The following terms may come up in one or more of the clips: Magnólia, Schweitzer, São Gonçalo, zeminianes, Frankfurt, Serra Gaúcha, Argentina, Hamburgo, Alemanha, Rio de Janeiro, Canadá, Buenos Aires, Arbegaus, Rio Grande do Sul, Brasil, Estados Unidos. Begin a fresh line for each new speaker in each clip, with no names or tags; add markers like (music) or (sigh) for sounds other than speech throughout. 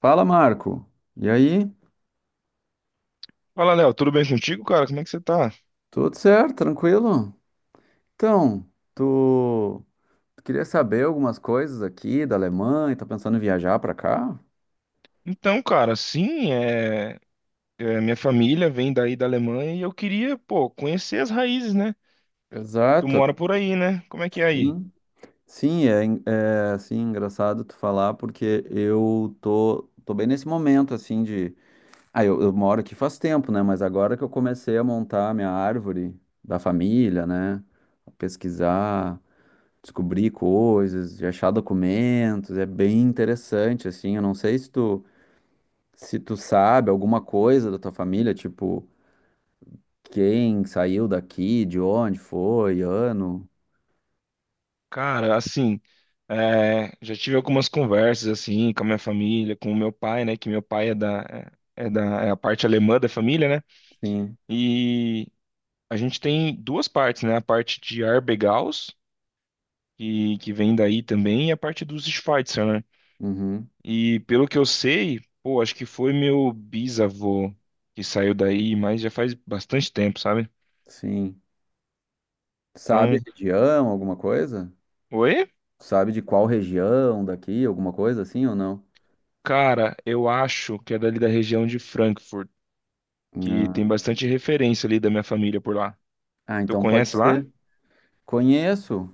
Fala, Marco. E aí?
Fala, Léo, tudo bem contigo, cara? Como é que você tá?
Tudo certo? Tranquilo? Então, tu tu queria saber algumas coisas aqui da Alemanha? Tá pensando em viajar pra cá?
Então, cara, sim, minha família vem daí da Alemanha e eu queria, pô, conhecer as raízes, né? Tu
Exato,
mora por aí, né? Como é que é aí?
sim. Sim, é, é assim, engraçado tu falar, porque eu tô bem nesse momento, assim, de... Ah, eu moro aqui faz tempo, né? Mas agora que eu comecei a montar a minha árvore da família, né? Pesquisar, descobrir coisas, de achar documentos, é bem interessante, assim, eu não sei se tu, se tu sabe alguma coisa da tua família, tipo, quem saiu daqui, de onde foi, ano,
Cara, assim, é, já tive algumas conversas, assim, com a minha família, com o meu pai, né? Que meu pai é a parte alemã da família, né?
sim,
E a gente tem duas partes, né? A parte de Arbegaus, que vem daí também, e a parte dos Schweitzer, né?
uhum,
E pelo que eu sei, pô, acho que foi meu bisavô que saiu daí, mas já faz bastante tempo, sabe?
sim, sabe a
Então,
região, alguma coisa?
oi?
Sabe de qual região daqui, alguma coisa assim ou não?
Cara, eu acho que é dali da região de Frankfurt, que
Ah,
tem bastante referência ali da minha família por lá.
ah,
Tu
então pode
conhece lá?
ser, conheço.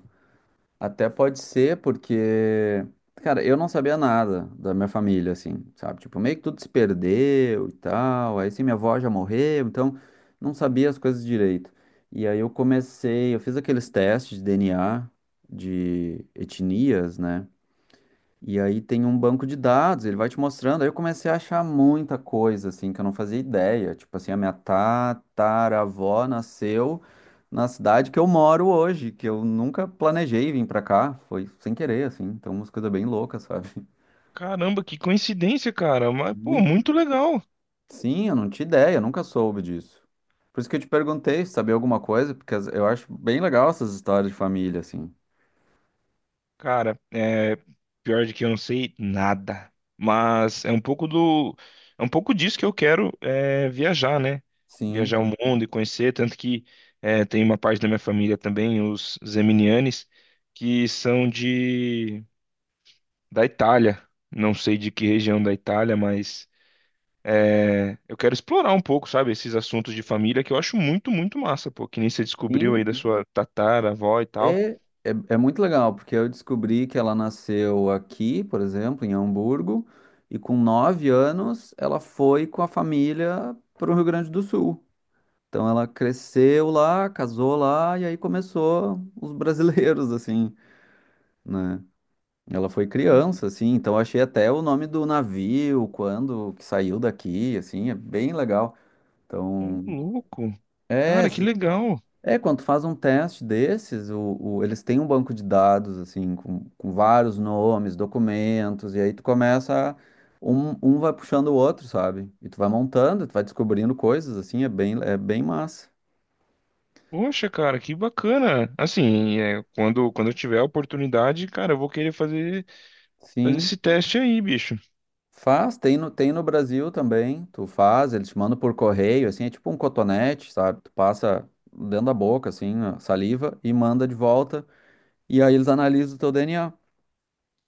Até pode ser, porque, cara, eu não sabia nada da minha família, assim, sabe? Tipo, meio que tudo se perdeu e tal. Aí, sim, minha avó já morreu, então não sabia as coisas direito. E aí eu comecei, eu fiz aqueles testes de DNA, de etnias, né? E aí tem um banco de dados, ele vai te mostrando. Aí eu comecei a achar muita coisa, assim, que eu não fazia ideia. Tipo assim, a minha tataravó nasceu na cidade que eu moro hoje, que eu nunca planejei vir pra cá. Foi sem querer, assim. Então, umas coisas bem loucas, (laughs) sabe?
Caramba, que coincidência, cara. Mas, pô,
Muito.
muito legal.
Sim, eu não tinha ideia, eu nunca soube disso. Por isso que eu te perguntei se sabia alguma coisa, porque eu acho bem legal essas histórias de família, assim.
Cara, é pior de que eu não sei nada, mas é um pouco do, é um pouco disso que eu quero é, viajar, né?
Sim.
Viajar o mundo e conhecer, tanto que é, tem uma parte da minha família também, os zeminianes, que são de da Itália. Não sei de que região da Itália, mas é, eu quero explorar um pouco, sabe, esses assuntos de família que eu acho muito, muito massa, pô. Que nem você descobriu
Sim,
aí da sua tataravó e tal.
É, é, é muito legal, porque eu descobri que ela nasceu aqui, por exemplo, em Hamburgo, e com 9 anos ela foi com a família para o Rio Grande do Sul. Então ela cresceu lá, casou lá, e aí começou os brasileiros, (laughs) assim, né? Ela foi
Cara,
criança, assim, então eu achei até o nome do navio, quando que saiu daqui, assim, é bem legal.
ô
Então,
louco.
é,
Cara, que legal.
é, quando tu faz um teste desses, eles têm um banco de dados, assim, com vários nomes, documentos, e aí tu começa, um vai puxando o outro, sabe? E tu vai montando, tu vai descobrindo coisas, assim, é bem massa.
Poxa, cara, que bacana. Assim, é, quando eu tiver a oportunidade, cara, eu vou querer fazer, fazer
Sim,
esse teste aí, bicho.
faz, tem no Brasil também, tu faz, eles te mandam por correio, assim, é tipo um cotonete, sabe? Tu passa dentro da boca, assim, a saliva, e manda de volta, e aí eles analisam o teu DNA.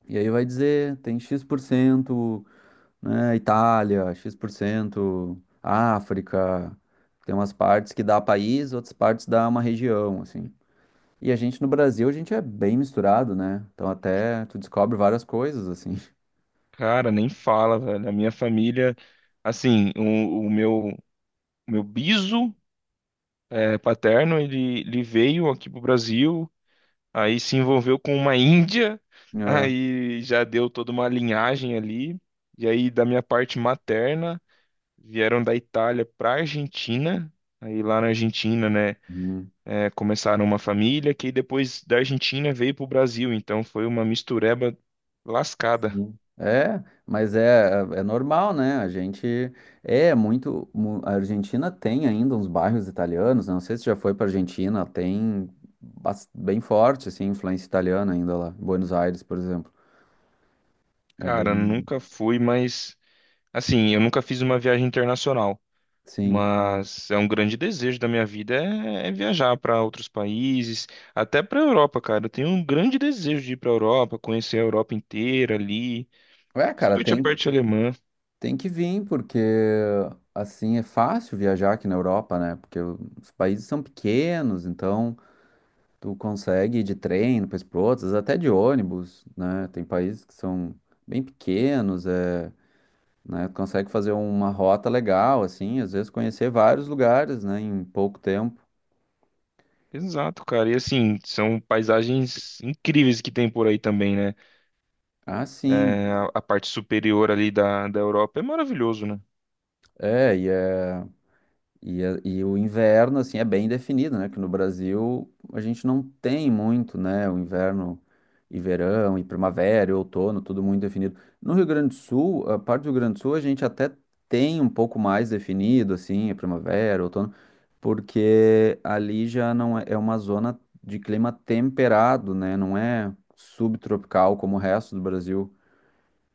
E aí vai dizer, tem X% né, Itália, X%, por cento, África. Tem umas partes que dá país, outras partes dá uma região, assim. E a gente no Brasil, a gente é bem misturado, né? Então até tu descobre várias coisas, assim. (laughs)
Cara, nem fala, velho. A minha família, assim, o meu biso é, paterno, ele veio aqui pro Brasil, aí se envolveu com uma índia, (laughs)
É,
aí já deu toda uma linhagem ali. E aí, da minha parte materna, vieram da Itália pra Argentina. Aí lá na Argentina, né?
uhum.
É, começaram uma família que depois da Argentina veio para o Brasil, então foi uma mistureba lascada.
Sim. É, mas é, é normal, né? A gente é muito. A Argentina tem ainda uns bairros italianos, né? Não sei se já foi pra Argentina, tem bem forte, assim, influência italiana ainda lá. Buenos Aires, por exemplo. É bem.
Cara, nunca fui, mas assim, eu nunca fiz uma viagem internacional,
Sim.
mas é um grande desejo da minha vida é viajar para outros países, até para a Europa, cara. Eu tenho um grande desejo de ir para a Europa, conhecer a Europa inteira ali,
Ué, cara,
principalmente a
tem,
parte alemã.
tem que vir, porque assim é fácil viajar aqui na Europa, né? Porque os países são pequenos, então tu consegue ir de trem, depois para outros, até de ônibus, né? Tem países que são bem pequenos, é, né? Tu consegue fazer uma rota legal, assim, às vezes conhecer vários lugares, né, em pouco tempo.
Exato, cara. E assim, são paisagens incríveis que tem por aí também, né?
Ah, sim.
É, a parte superior ali da Europa é maravilhoso, né?
É, e é. E, e o inverno, assim, é bem definido, né? Que no Brasil a gente não tem muito, né? O inverno e verão, e primavera, e outono, tudo muito definido. No Rio Grande do Sul, a parte do Rio Grande do Sul a gente até tem um pouco mais definido, assim, a primavera, outono, porque ali já não é, é uma zona de clima temperado, né? Não é subtropical como o resto do Brasil.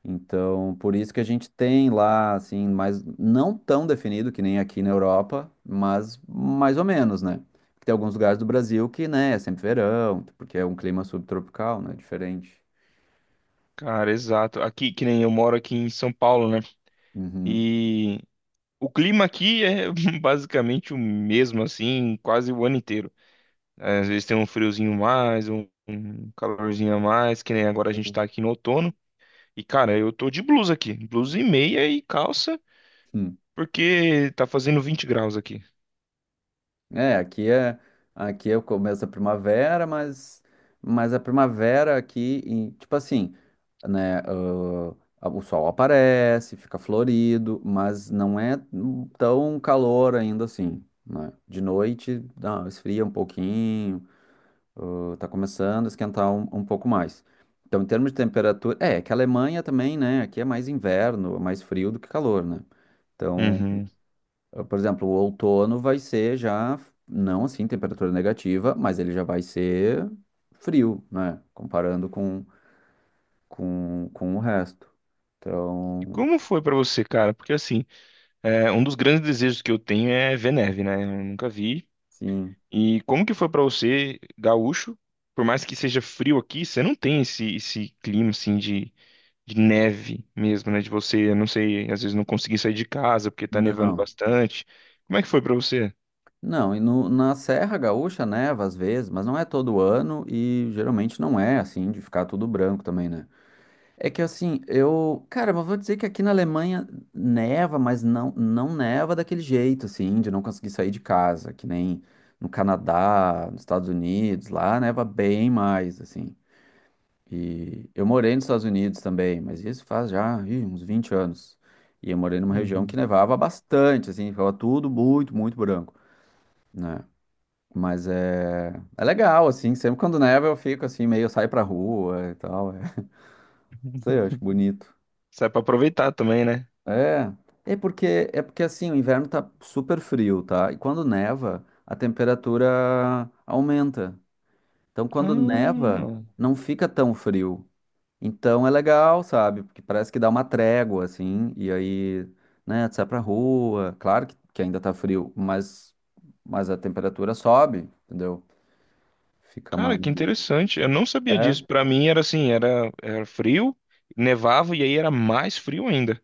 Então, por isso que a gente tem lá, assim, mas não tão definido que nem aqui na Europa, mas mais ou menos, né? Tem alguns lugares do Brasil que, né, é sempre verão, porque é um clima subtropical, né? Diferente.
Cara, exato. Aqui, que nem eu moro aqui em São Paulo, né?
Uhum.
E o clima aqui é (laughs) basicamente o mesmo, assim, quase o ano inteiro. É, às vezes tem um friozinho mais, um calorzinho a mais, que nem agora a gente
Sim.
tá aqui no outono. E, cara, eu tô de blusa aqui, blusa e meia e calça, porque tá fazendo 20 graus aqui.
É, aqui é o começo da primavera, mas a primavera aqui, tipo assim, né, o sol aparece, fica florido, mas não é tão calor ainda assim, né? De noite, dá, esfria um pouquinho, tá começando a esquentar um pouco mais. Então, em termos de temperatura, é, que a Alemanha também, né, aqui é mais inverno, é mais frio do que calor, né? Então,
Uhum.
por exemplo, o outono vai ser já, não assim, temperatura negativa, mas ele já vai ser frio, né? Comparando com o resto.
E
Então,
como foi pra você, cara? Porque assim, é, um dos grandes desejos que eu tenho é ver neve, né? Eu nunca vi.
sim.
E como que foi pra você, gaúcho? Por mais que seja frio aqui, você não tem esse, clima assim de neve mesmo, né? De você, eu não sei, às vezes não conseguir sair de casa porque tá nevando
Não.
bastante. Como é que foi pra você?
Não, e no, na Serra Gaúcha neva às vezes, mas não é todo ano e geralmente não é assim, de ficar tudo branco também, né? É que assim, eu, cara, mas vou dizer que aqui na Alemanha neva, mas não neva daquele jeito, assim, de não conseguir sair de casa, que nem no Canadá, nos Estados Unidos, lá neva bem mais, assim. E eu morei nos Estados Unidos também, mas isso faz já, ih, uns 20 anos. E eu morei numa região que
Uhum.
nevava bastante, assim, ficava tudo muito, muito branco, né? Mas é, é legal, assim, sempre quando neva eu fico assim, meio eu saio pra rua e tal, é, (laughs) não sei, eu acho
(laughs)
bonito.
Sai pra aproveitar também, né?
É, é porque assim, o inverno tá super frio, tá? E quando neva, a temperatura aumenta. Então, quando neva,
Ah,
não fica tão frio. Então é legal, sabe? Porque parece que dá uma trégua, assim, e aí, né, tu sai pra rua. Claro que ainda tá frio, mas a temperatura sobe, entendeu? Fica
cara,
mais.
que interessante. Eu não sabia disso.
É.
Pra mim era assim, era frio, nevava e aí era mais frio ainda.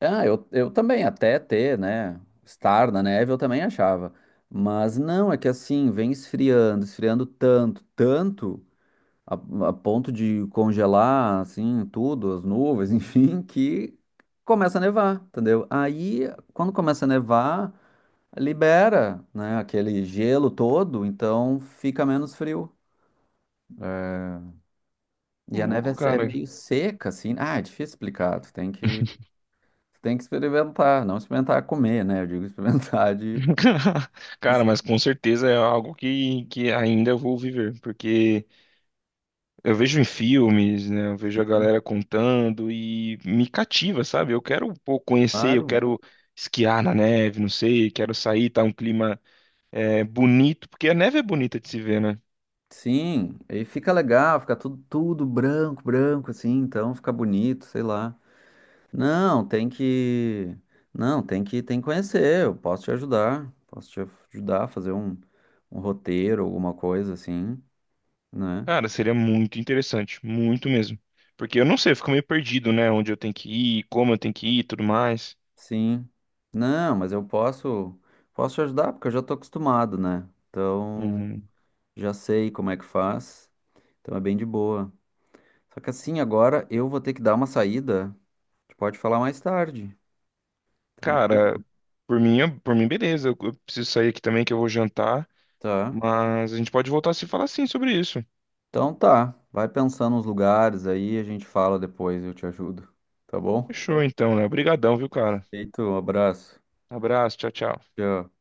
Ah, eu também, até ter, né? Estar na neve, eu também achava. Mas não, é que assim, vem esfriando, esfriando tanto, tanto, a, a ponto de congelar, assim, tudo, as nuvens, (laughs) enfim, que começa a nevar, entendeu? Aí, quando começa a nevar, libera, né, aquele gelo todo, então fica menos frio. E a neve
Louco,
é, é
cara.
meio seca, assim. Ah, é difícil explicar, tu tem que experimentar, não experimentar comer, né? Eu digo (laughs) experimentar de.
(laughs) Cara,
Isso,
mas com certeza é algo que ainda eu vou viver, porque eu vejo em filmes, né? Eu vejo a galera contando e me cativa, sabe? Eu quero, pô, conhecer, eu
claro,
quero esquiar na neve, não sei, quero sair, tá um clima é, bonito, porque a neve é bonita de se ver, né?
sim. Aí fica legal, fica tudo, tudo branco, branco, assim, então fica bonito, sei lá. Não, tem que. Não, tem que conhecer. Eu posso te ajudar. Posso te ajudar a fazer um, um roteiro, alguma coisa assim, né?
Cara, seria muito interessante, muito mesmo. Porque eu não sei, eu fico meio perdido, né? Onde eu tenho que ir, como eu tenho que ir, e tudo mais.
Sim. Não, mas eu posso, posso te ajudar porque eu já tô acostumado, né? Então,
Uhum.
já sei como é que faz. Então é bem de boa. Só que assim, agora eu vou ter que dar uma saída. A gente pode falar mais tarde.
Cara,
Tranquilo.
por mim, beleza. Eu preciso sair aqui também que eu vou jantar.
Tá.
Mas a gente pode voltar a se falar sim sobre isso.
Então tá. Vai pensando nos lugares aí, a gente fala depois, eu te ajudo. Tá bom?
Fechou então, né? Obrigadão, viu, cara?
Feito, um abraço.
Abraço, tchau, tchau.
Tchau.